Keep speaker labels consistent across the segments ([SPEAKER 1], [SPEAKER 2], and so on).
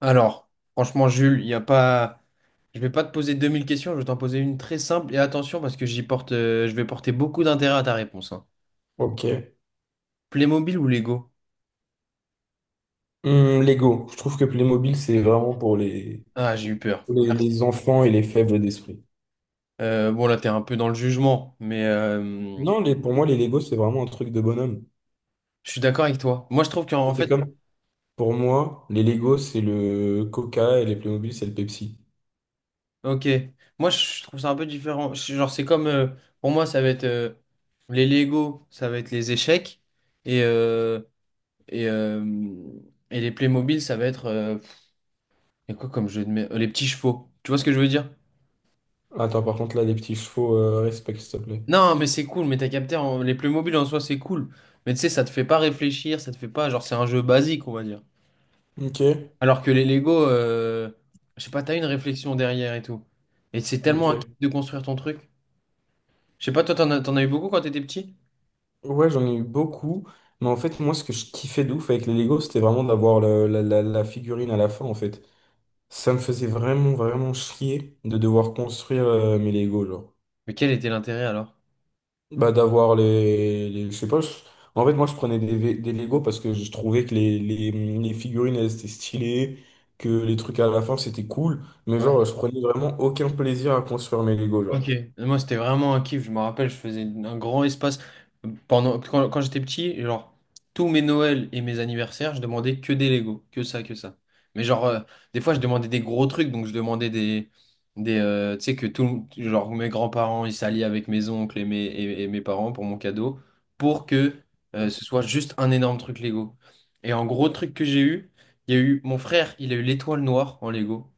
[SPEAKER 1] Alors, franchement, Jules, il y a pas... je vais pas te poser 2000 questions, je vais t'en poser une très simple. Et attention, parce que j'y porte, je vais porter beaucoup d'intérêt à ta réponse, hein.
[SPEAKER 2] Ok.
[SPEAKER 1] Playmobil ou Lego?
[SPEAKER 2] Lego. Je trouve que Playmobil, c'est vraiment pour les,
[SPEAKER 1] Ah, j'ai eu peur.
[SPEAKER 2] pour les,
[SPEAKER 1] Merci.
[SPEAKER 2] les enfants et les faibles d'esprit.
[SPEAKER 1] Bon, là, t'es un peu dans le jugement,
[SPEAKER 2] Non, pour moi, les Lego, c'est vraiment un truc de bonhomme.
[SPEAKER 1] je suis d'accord avec toi. Moi, je trouve qu'en
[SPEAKER 2] C'est
[SPEAKER 1] fait,
[SPEAKER 2] comme, pour moi, les Lego, c'est le Coca et les Playmobil, c'est le Pepsi.
[SPEAKER 1] ok, moi, je trouve ça un peu différent. Genre, c'est comme, pour moi, ça va être, les Lego, ça va être les échecs, et, euh, et, euh, et les Playmobil, ça va être, il y a quoi comme jeu de mer? Les petits chevaux. Tu vois ce que je veux dire?
[SPEAKER 2] Attends, par contre, là, les petits chevaux, respect, s'il te plaît.
[SPEAKER 1] Non, mais c'est cool, mais t'as capté, les mobiles en soi, c'est cool. Mais tu sais, ça te fait pas réfléchir, ça te fait pas. Genre, c'est un jeu basique, on va dire.
[SPEAKER 2] Ok,
[SPEAKER 1] Alors que les Lego, je sais pas, t'as une réflexion derrière et tout. Et c'est tellement un kiff
[SPEAKER 2] ok.
[SPEAKER 1] de construire ton truc. Je sais pas, toi, t'en as eu beaucoup quand t'étais petit?
[SPEAKER 2] Ouais, j'en ai eu beaucoup. Mais en fait, moi, ce que je kiffais de ouf avec les Lego, c'était vraiment d'avoir la figurine à la fin, en fait. Ça me faisait vraiment, vraiment chier de devoir construire, mes Lego, genre.
[SPEAKER 1] Mais quel était l'intérêt alors?
[SPEAKER 2] Bah, je sais pas. En fait, moi, je prenais des Lego parce que je trouvais que les figurines, elles étaient stylées, que les trucs à la fin, c'était cool. Mais genre,
[SPEAKER 1] Ouais.
[SPEAKER 2] je prenais vraiment aucun plaisir à construire mes Lego, genre.
[SPEAKER 1] Ok. Moi, c'était vraiment un kiff. Je me rappelle, je faisais un grand espace. Quand j'étais petit, genre, tous mes Noëls et mes anniversaires, je demandais que des Lego. Que ça, que ça. Mais genre, des fois, je demandais des gros trucs. Donc, je demandais des. Des, tu sais, que tout. Genre, mes grands-parents, ils s'allient avec mes oncles et mes parents pour mon cadeau. Pour que ce soit juste un énorme truc Lego. Et en gros truc que j'ai eu, il y a eu mon frère, il a eu l'étoile noire en Lego.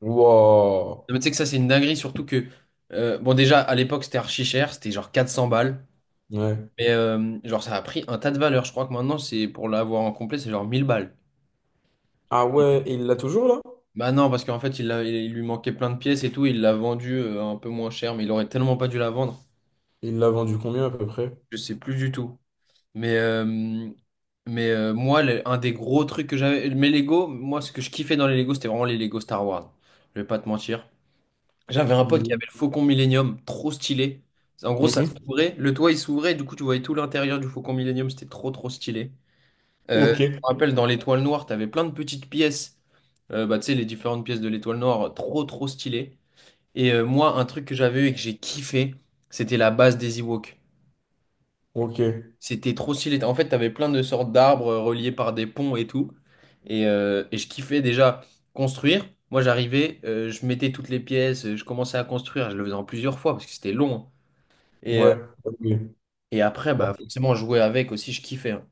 [SPEAKER 2] Wow.
[SPEAKER 1] Non, mais tu sais que ça, c'est une dinguerie, surtout que, bon, déjà, à l'époque, c'était archi cher, c'était genre 400 balles,
[SPEAKER 2] Ouais.
[SPEAKER 1] genre, ça a pris un tas de valeur. Je crois que maintenant, c'est pour l'avoir en complet, c'est genre 1000 balles.
[SPEAKER 2] Ah ouais, et il l'a toujours, là?
[SPEAKER 1] Bah non, parce qu'en fait, il lui manquait plein de pièces et tout, il l'a vendu un peu moins cher, mais il aurait tellement pas dû la vendre,
[SPEAKER 2] Il l'a vendu combien, à peu près?
[SPEAKER 1] je sais plus du tout. Mais, euh, moi, un des gros trucs que j'avais, mes Lego, moi, ce que je kiffais dans les Lego, c'était vraiment les Lego Star Wars. Je vais pas te mentir. J'avais un pote qui
[SPEAKER 2] Les-
[SPEAKER 1] avait le Faucon Millenium, trop stylé. En gros, ça
[SPEAKER 2] Mhm.
[SPEAKER 1] s'ouvrait, le toit il s'ouvrait, et du coup tu voyais tout l'intérieur du Faucon Millenium, c'était trop trop stylé. Je me
[SPEAKER 2] Ok.
[SPEAKER 1] rappelle dans l'étoile noire, t'avais plein de petites pièces. Bah, tu sais, les différentes pièces de l'étoile noire, trop trop stylé. Moi, un truc que j'avais eu et que j'ai kiffé, c'était la base des Ewoks.
[SPEAKER 2] Ok.
[SPEAKER 1] C'était trop stylé. En fait, t'avais plein de sortes d'arbres reliés par des ponts et tout. Et je kiffais déjà construire. Moi, je mettais toutes les pièces, je commençais à construire. Je le faisais en plusieurs fois parce que c'était long, hein. Et, euh,
[SPEAKER 2] Ouais. Ok.
[SPEAKER 1] et après,
[SPEAKER 2] Bah,
[SPEAKER 1] bah, forcément, jouer avec aussi, je kiffais, hein.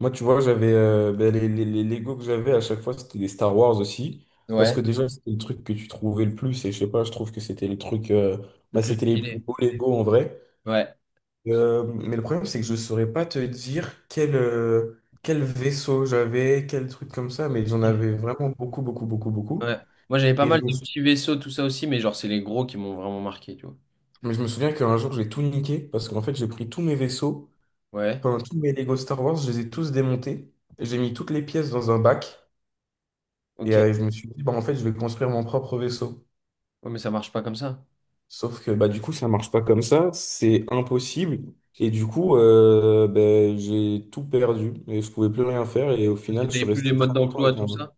[SPEAKER 2] moi, tu vois, j'avais ben, les Lego que j'avais à chaque fois, c'était des Star Wars aussi. Parce
[SPEAKER 1] Ouais,
[SPEAKER 2] que déjà, c'était le truc que tu trouvais le plus. Et je sais pas, je trouve que c'était les trucs.
[SPEAKER 1] le
[SPEAKER 2] Bah,
[SPEAKER 1] plus
[SPEAKER 2] c'était les plus
[SPEAKER 1] stylé.
[SPEAKER 2] beaux Lego en vrai.
[SPEAKER 1] Ouais.
[SPEAKER 2] Mais le problème, c'est que je saurais pas te dire quel vaisseau j'avais, quel truc comme ça. Mais j'en avais vraiment beaucoup, beaucoup, beaucoup, beaucoup.
[SPEAKER 1] Ouais. Moi, j'avais pas
[SPEAKER 2] Et je
[SPEAKER 1] mal
[SPEAKER 2] me,
[SPEAKER 1] de
[SPEAKER 2] sou-
[SPEAKER 1] petits vaisseaux, tout ça aussi, mais genre, c'est les gros qui m'ont vraiment marqué, tu vois.
[SPEAKER 2] mais je me souviens qu'un jour, j'ai tout niqué. Parce qu'en fait, j'ai pris tous mes vaisseaux,
[SPEAKER 1] Ouais,
[SPEAKER 2] enfin, tous mes Lego Star Wars, je les ai tous démontés. J'ai mis toutes les pièces dans un bac. Et
[SPEAKER 1] ok.
[SPEAKER 2] je me suis dit, bah, en fait, je vais construire mon propre vaisseau.
[SPEAKER 1] Ouais, mais ça marche pas comme ça.
[SPEAKER 2] Sauf que bah, du coup, ça marche pas comme ça, c'est impossible. Et du coup, ben, j'ai tout perdu et je pouvais plus rien faire. Et au
[SPEAKER 1] Parce que
[SPEAKER 2] final, je
[SPEAKER 1] t'avais
[SPEAKER 2] suis
[SPEAKER 1] plus les
[SPEAKER 2] resté très
[SPEAKER 1] modes
[SPEAKER 2] longtemps
[SPEAKER 1] d'emploi,
[SPEAKER 2] avec
[SPEAKER 1] tout
[SPEAKER 2] un...
[SPEAKER 1] ça.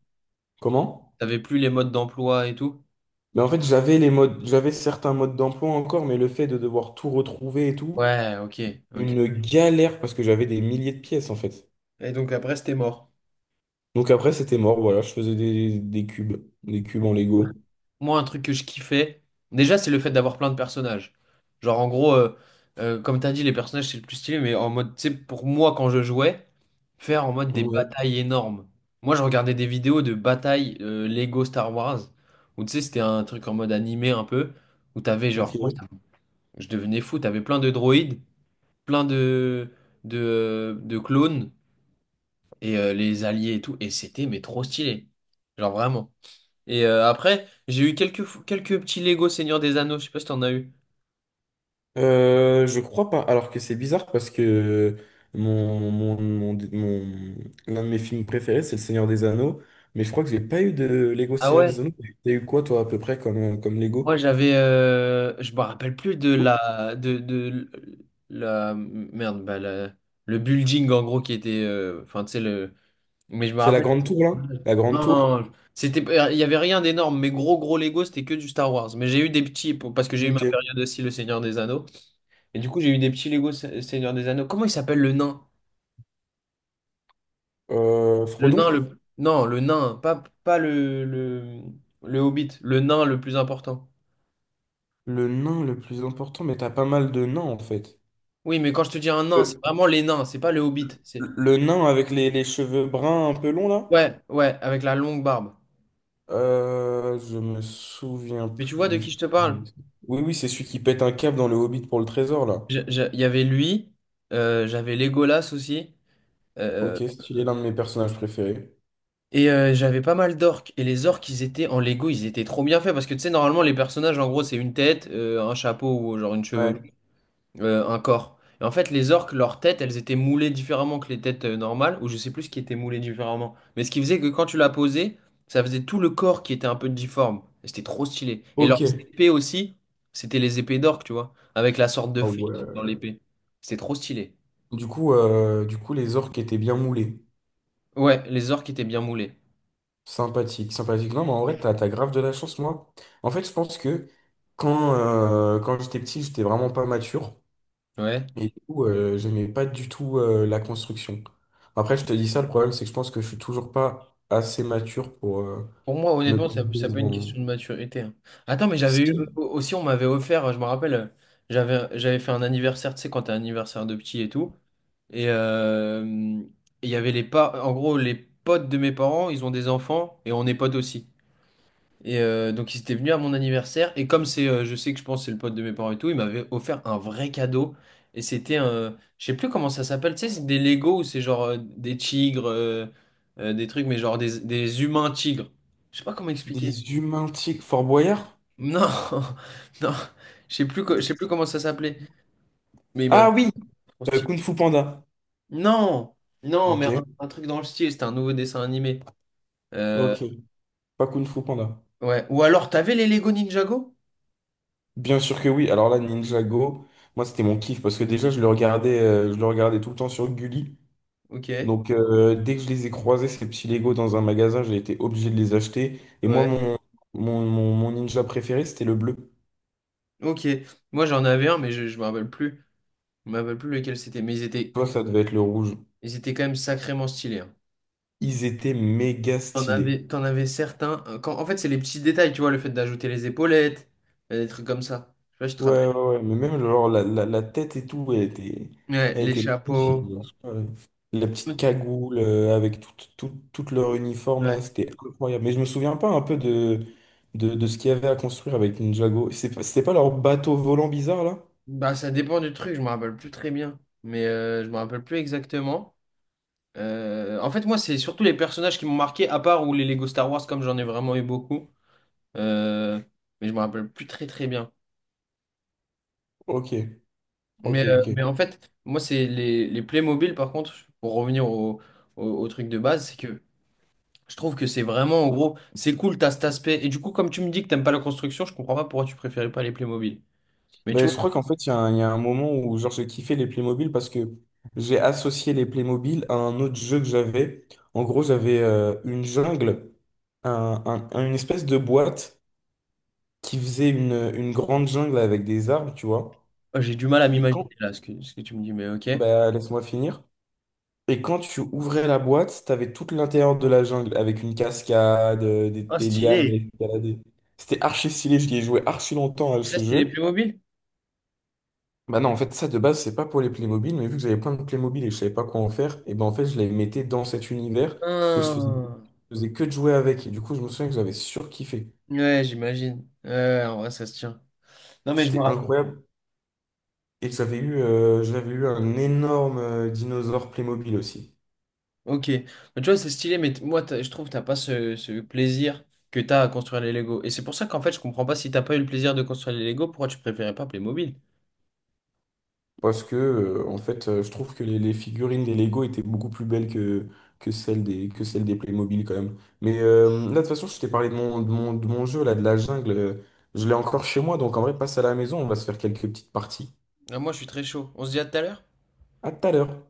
[SPEAKER 2] Comment?
[SPEAKER 1] T'avais plus les modes d'emploi et tout.
[SPEAKER 2] Mais en fait, j'avais les modes, j'avais certains modes d'emploi encore, mais le fait de devoir tout retrouver et tout,
[SPEAKER 1] Ouais, ok, ok.
[SPEAKER 2] une galère parce que j'avais des milliers de pièces en fait.
[SPEAKER 1] Et donc après, c'était mort.
[SPEAKER 2] Donc après, c'était mort, voilà, je faisais des cubes, des cubes en Lego.
[SPEAKER 1] Moi, un truc que je kiffais, déjà, c'est le fait d'avoir plein de personnages. Genre, en gros, comme t'as dit, les personnages, c'est le plus stylé, mais en mode, tu sais, pour moi, quand je jouais, faire en mode des
[SPEAKER 2] Ouais,
[SPEAKER 1] batailles énormes. Moi, je regardais des vidéos de batailles Lego Star Wars, où tu sais, c'était un truc en mode animé un peu, où t'avais genre,
[SPEAKER 2] ok.
[SPEAKER 1] je devenais fou, t'avais plein de droïdes, plein de clones, les alliés et tout, et c'était, mais trop stylé. Genre, vraiment. Après, j'ai eu quelques petits Lego Seigneur des Anneaux, je sais pas si t'en as eu.
[SPEAKER 2] Je crois pas. Alors que c'est bizarre parce que mon, mon, mon, mon- l'un de mes films préférés, c'est Le Seigneur des Anneaux. Mais je crois que j'ai pas eu de Lego
[SPEAKER 1] Ah
[SPEAKER 2] Seigneur des
[SPEAKER 1] ouais?
[SPEAKER 2] Anneaux. T'as eu quoi, toi, à peu près, comme, comme
[SPEAKER 1] Moi
[SPEAKER 2] Lego?
[SPEAKER 1] j'avais, je me rappelle plus de la, merde, bah, la- le building en gros qui était, enfin tu sais le, mais je me
[SPEAKER 2] C'est la
[SPEAKER 1] rappelle,
[SPEAKER 2] Grande Tour, là? La Grande
[SPEAKER 1] non,
[SPEAKER 2] Tour?
[SPEAKER 1] non, c'était, il y avait rien d'énorme, mais gros gros Lego c'était que du Star Wars. Mais j'ai eu des petits, parce que j'ai eu ma
[SPEAKER 2] Ok.
[SPEAKER 1] période aussi le Seigneur des Anneaux, et du coup j'ai eu des petits Lego Seigneur des Anneaux. Comment il s'appelle le nain? Le
[SPEAKER 2] Frodon?
[SPEAKER 1] nain, le... Non, le nain, pas le hobbit, le nain le plus important.
[SPEAKER 2] Le nain le plus important, mais t'as pas mal de nains, en fait.
[SPEAKER 1] Oui, mais quand je te dis un nain, c'est
[SPEAKER 2] Le,
[SPEAKER 1] vraiment les nains, c'est pas le hobbit. C'est...
[SPEAKER 2] le nain avec les cheveux bruns un peu longs, là?
[SPEAKER 1] Ouais, ouais, avec la longue barbe.
[SPEAKER 2] Je me souviens
[SPEAKER 1] Mais tu vois de qui
[SPEAKER 2] plus.
[SPEAKER 1] je te parle?
[SPEAKER 2] Oui, oui, c'est celui qui pète un câble dans le Hobbit pour le trésor, là.
[SPEAKER 1] Il y avait lui, j'avais Legolas aussi, euh,
[SPEAKER 2] Ok, stylé, l'un de mes personnages préférés.
[SPEAKER 1] j'avais pas mal d'orques. Et les orques, ils étaient en Lego, ils étaient trop bien faits, parce que tu sais, normalement, les personnages, en gros, c'est une tête, un chapeau ou genre une chevelure.
[SPEAKER 2] Ouais.
[SPEAKER 1] Un corps. Et en fait, les orques, leurs têtes, elles étaient moulées différemment que les têtes normales, ou je sais plus ce qui était moulé différemment. Mais ce qui faisait que quand tu la posais, ça faisait tout le corps qui était un peu difforme. Et c'était trop stylé. Et
[SPEAKER 2] Ok.
[SPEAKER 1] leurs épées aussi, c'était les épées d'orques, tu vois, avec la sorte de
[SPEAKER 2] Ah
[SPEAKER 1] fente
[SPEAKER 2] ouais.
[SPEAKER 1] dans l'épée. C'était trop stylé.
[SPEAKER 2] Du coup, les orques étaient bien moulés.
[SPEAKER 1] Ouais, les orques étaient bien moulés.
[SPEAKER 2] Sympathique, sympathique. Non, mais en vrai, t'as grave de la chance, moi. En fait, je pense que quand j'étais petit, j'étais vraiment pas mature.
[SPEAKER 1] Ouais.
[SPEAKER 2] Et du coup, j'aimais pas du tout la construction. Après, je te dis ça, le problème, c'est que je pense que je suis toujours pas assez mature pour
[SPEAKER 1] Pour moi,
[SPEAKER 2] me
[SPEAKER 1] honnêtement, ça,
[SPEAKER 2] poser
[SPEAKER 1] ça peut être une
[SPEAKER 2] devant.
[SPEAKER 1] question de maturité, hein. Attends, mais j'avais eu
[SPEAKER 2] Si,
[SPEAKER 1] aussi, on m'avait offert, je me rappelle, j'avais fait un anniversaire, tu sais, quand t'as un anniversaire de petit et tout. Et euh, et il y avait les pas, en gros, les potes de mes parents, ils ont des enfants et on est potes aussi. Donc ils étaient venus à mon anniversaire et comme c'est, je sais que je pense que c'est le pote de mes parents et tout, il m'avait offert un vrai cadeau et c'était un, je sais plus comment ça s'appelle, tu sais, c'est des Lego ou c'est genre des tigres, des trucs mais genre des humains tigres. Je sais pas comment expliquer.
[SPEAKER 2] des humains tiques. Fort Boyard?
[SPEAKER 1] Non, non, je sais plus, je sais plus
[SPEAKER 2] Des-
[SPEAKER 1] comment ça s'appelait, mais il m'avait
[SPEAKER 2] Ah oui,
[SPEAKER 1] trop stylé.
[SPEAKER 2] Kung Fu Panda.
[SPEAKER 1] Non, non, mais
[SPEAKER 2] Ok,
[SPEAKER 1] un truc dans le style, c'était un nouveau dessin animé. Euh,
[SPEAKER 2] ok. Pas Kung Fu Panda.
[SPEAKER 1] ouais. Ou alors, t'avais les Lego Ninjago?
[SPEAKER 2] Bien sûr que oui. Alors là, Ninjago, moi c'était mon kiff parce que déjà je le regardais tout le temps sur Gulli.
[SPEAKER 1] Ok.
[SPEAKER 2] Donc dès que je les ai croisés, ces petits Lego dans un magasin, j'ai été obligé de les acheter. Et moi,
[SPEAKER 1] Ouais.
[SPEAKER 2] mon ninja préféré, c'était le bleu.
[SPEAKER 1] Ok. Moi, j'en avais un, mais je me rappelle plus. Je me rappelle plus lequel c'était. Mais
[SPEAKER 2] Toi, ça devait être le rouge.
[SPEAKER 1] ils étaient quand même sacrément stylés, hein.
[SPEAKER 2] Ils étaient méga stylés.
[SPEAKER 1] T'en avais certains. En fait, c'est les petits détails, tu vois, le fait d'ajouter les épaulettes, des trucs comme ça. Je sais pas si tu te
[SPEAKER 2] Ouais,
[SPEAKER 1] rappelles.
[SPEAKER 2] ouais, ouais, mais même genre, la tête et tout, elle était,
[SPEAKER 1] Ouais,
[SPEAKER 2] elle
[SPEAKER 1] les
[SPEAKER 2] était magnifique.
[SPEAKER 1] chapeaux.
[SPEAKER 2] Genre. Ouais. La petite cagoule avec tout, tout, tout leur uniforme là,
[SPEAKER 1] Ouais.
[SPEAKER 2] c'était incroyable. Mais je me souviens pas un peu de, ce qu'il y avait à construire avec Ninjago. C'est pas- C'était pas leur bateau volant bizarre là?
[SPEAKER 1] Bah, ça dépend du truc, je me rappelle plus très bien. Je me rappelle plus exactement. En fait, moi, c'est surtout les personnages qui m'ont marqué, à part ou les Lego Star Wars, comme j'en ai vraiment eu beaucoup. Euh, mais je me rappelle plus très très bien.
[SPEAKER 2] Ok, ok,
[SPEAKER 1] Mais, euh,
[SPEAKER 2] ok.
[SPEAKER 1] mais en fait, moi, c'est les Playmobil, par contre, pour revenir au truc de base, c'est que je trouve que c'est vraiment, en gros, c'est cool, t'as cet aspect. Et du coup, comme tu me dis que t'aimes pas la construction, je comprends pas pourquoi tu préférais pas les Playmobil. Mais tu
[SPEAKER 2] Mais je crois qu'en fait, il y a un moment où genre, j'ai kiffé les Playmobil parce que j'ai associé les Playmobil à un autre jeu que j'avais. En gros, j'avais une jungle, un- une espèce de boîte qui faisait une grande jungle avec des arbres, tu vois.
[SPEAKER 1] vois, j'ai du mal à
[SPEAKER 2] Et quand,
[SPEAKER 1] m'imaginer là ce ce que tu me dis, mais ok.
[SPEAKER 2] Bah, laisse-moi finir. Et quand tu ouvrais la boîte, t'avais tout l'intérieur de la jungle avec une cascade, euh, des,
[SPEAKER 1] Ah,
[SPEAKER 2] des lianes, à
[SPEAKER 1] stylé.
[SPEAKER 2] escalader. C'était archi stylé, je l'ai joué archi longtemps à
[SPEAKER 1] Et ça,
[SPEAKER 2] ce
[SPEAKER 1] c'était les
[SPEAKER 2] jeu.
[SPEAKER 1] Playmobil?
[SPEAKER 2] Bah non, en fait, ça de base, c'est pas pour les Playmobil, mais vu que j'avais plein de Playmobil et je savais pas quoi en faire, et ben en fait, je les mettais dans cet univers et je faisais,
[SPEAKER 1] Ah.
[SPEAKER 2] je faisais que de jouer avec. Et du coup, je me souviens que j'avais surkiffé.
[SPEAKER 1] Ouais, j'imagine. Ouais, en vrai, ça se tient. Non, mais je me
[SPEAKER 2] C'était
[SPEAKER 1] rappelle.
[SPEAKER 2] incroyable. Et j'avais eu un énorme dinosaure Playmobil aussi.
[SPEAKER 1] Ok, mais tu vois, c'est stylé, mais je trouve que t'as pas ce plaisir que t'as à construire les Lego. Et c'est pour ça qu'en fait, je comprends pas si t'as pas eu le plaisir de construire les Lego, pourquoi tu préférais pas Playmobil?
[SPEAKER 2] Parce que, en fait, je trouve que les figurines des Lego étaient beaucoup plus belles que, que celles des Playmobil, quand même. Mais là, de toute façon, je t'ai parlé de mon, de mon jeu, là, de la jungle. Je l'ai encore chez moi, donc en vrai, passe à la maison, on va se faire quelques petites parties.
[SPEAKER 1] Ah, moi, je suis très chaud. On se dit à tout à l'heure?
[SPEAKER 2] À tout à l'heure.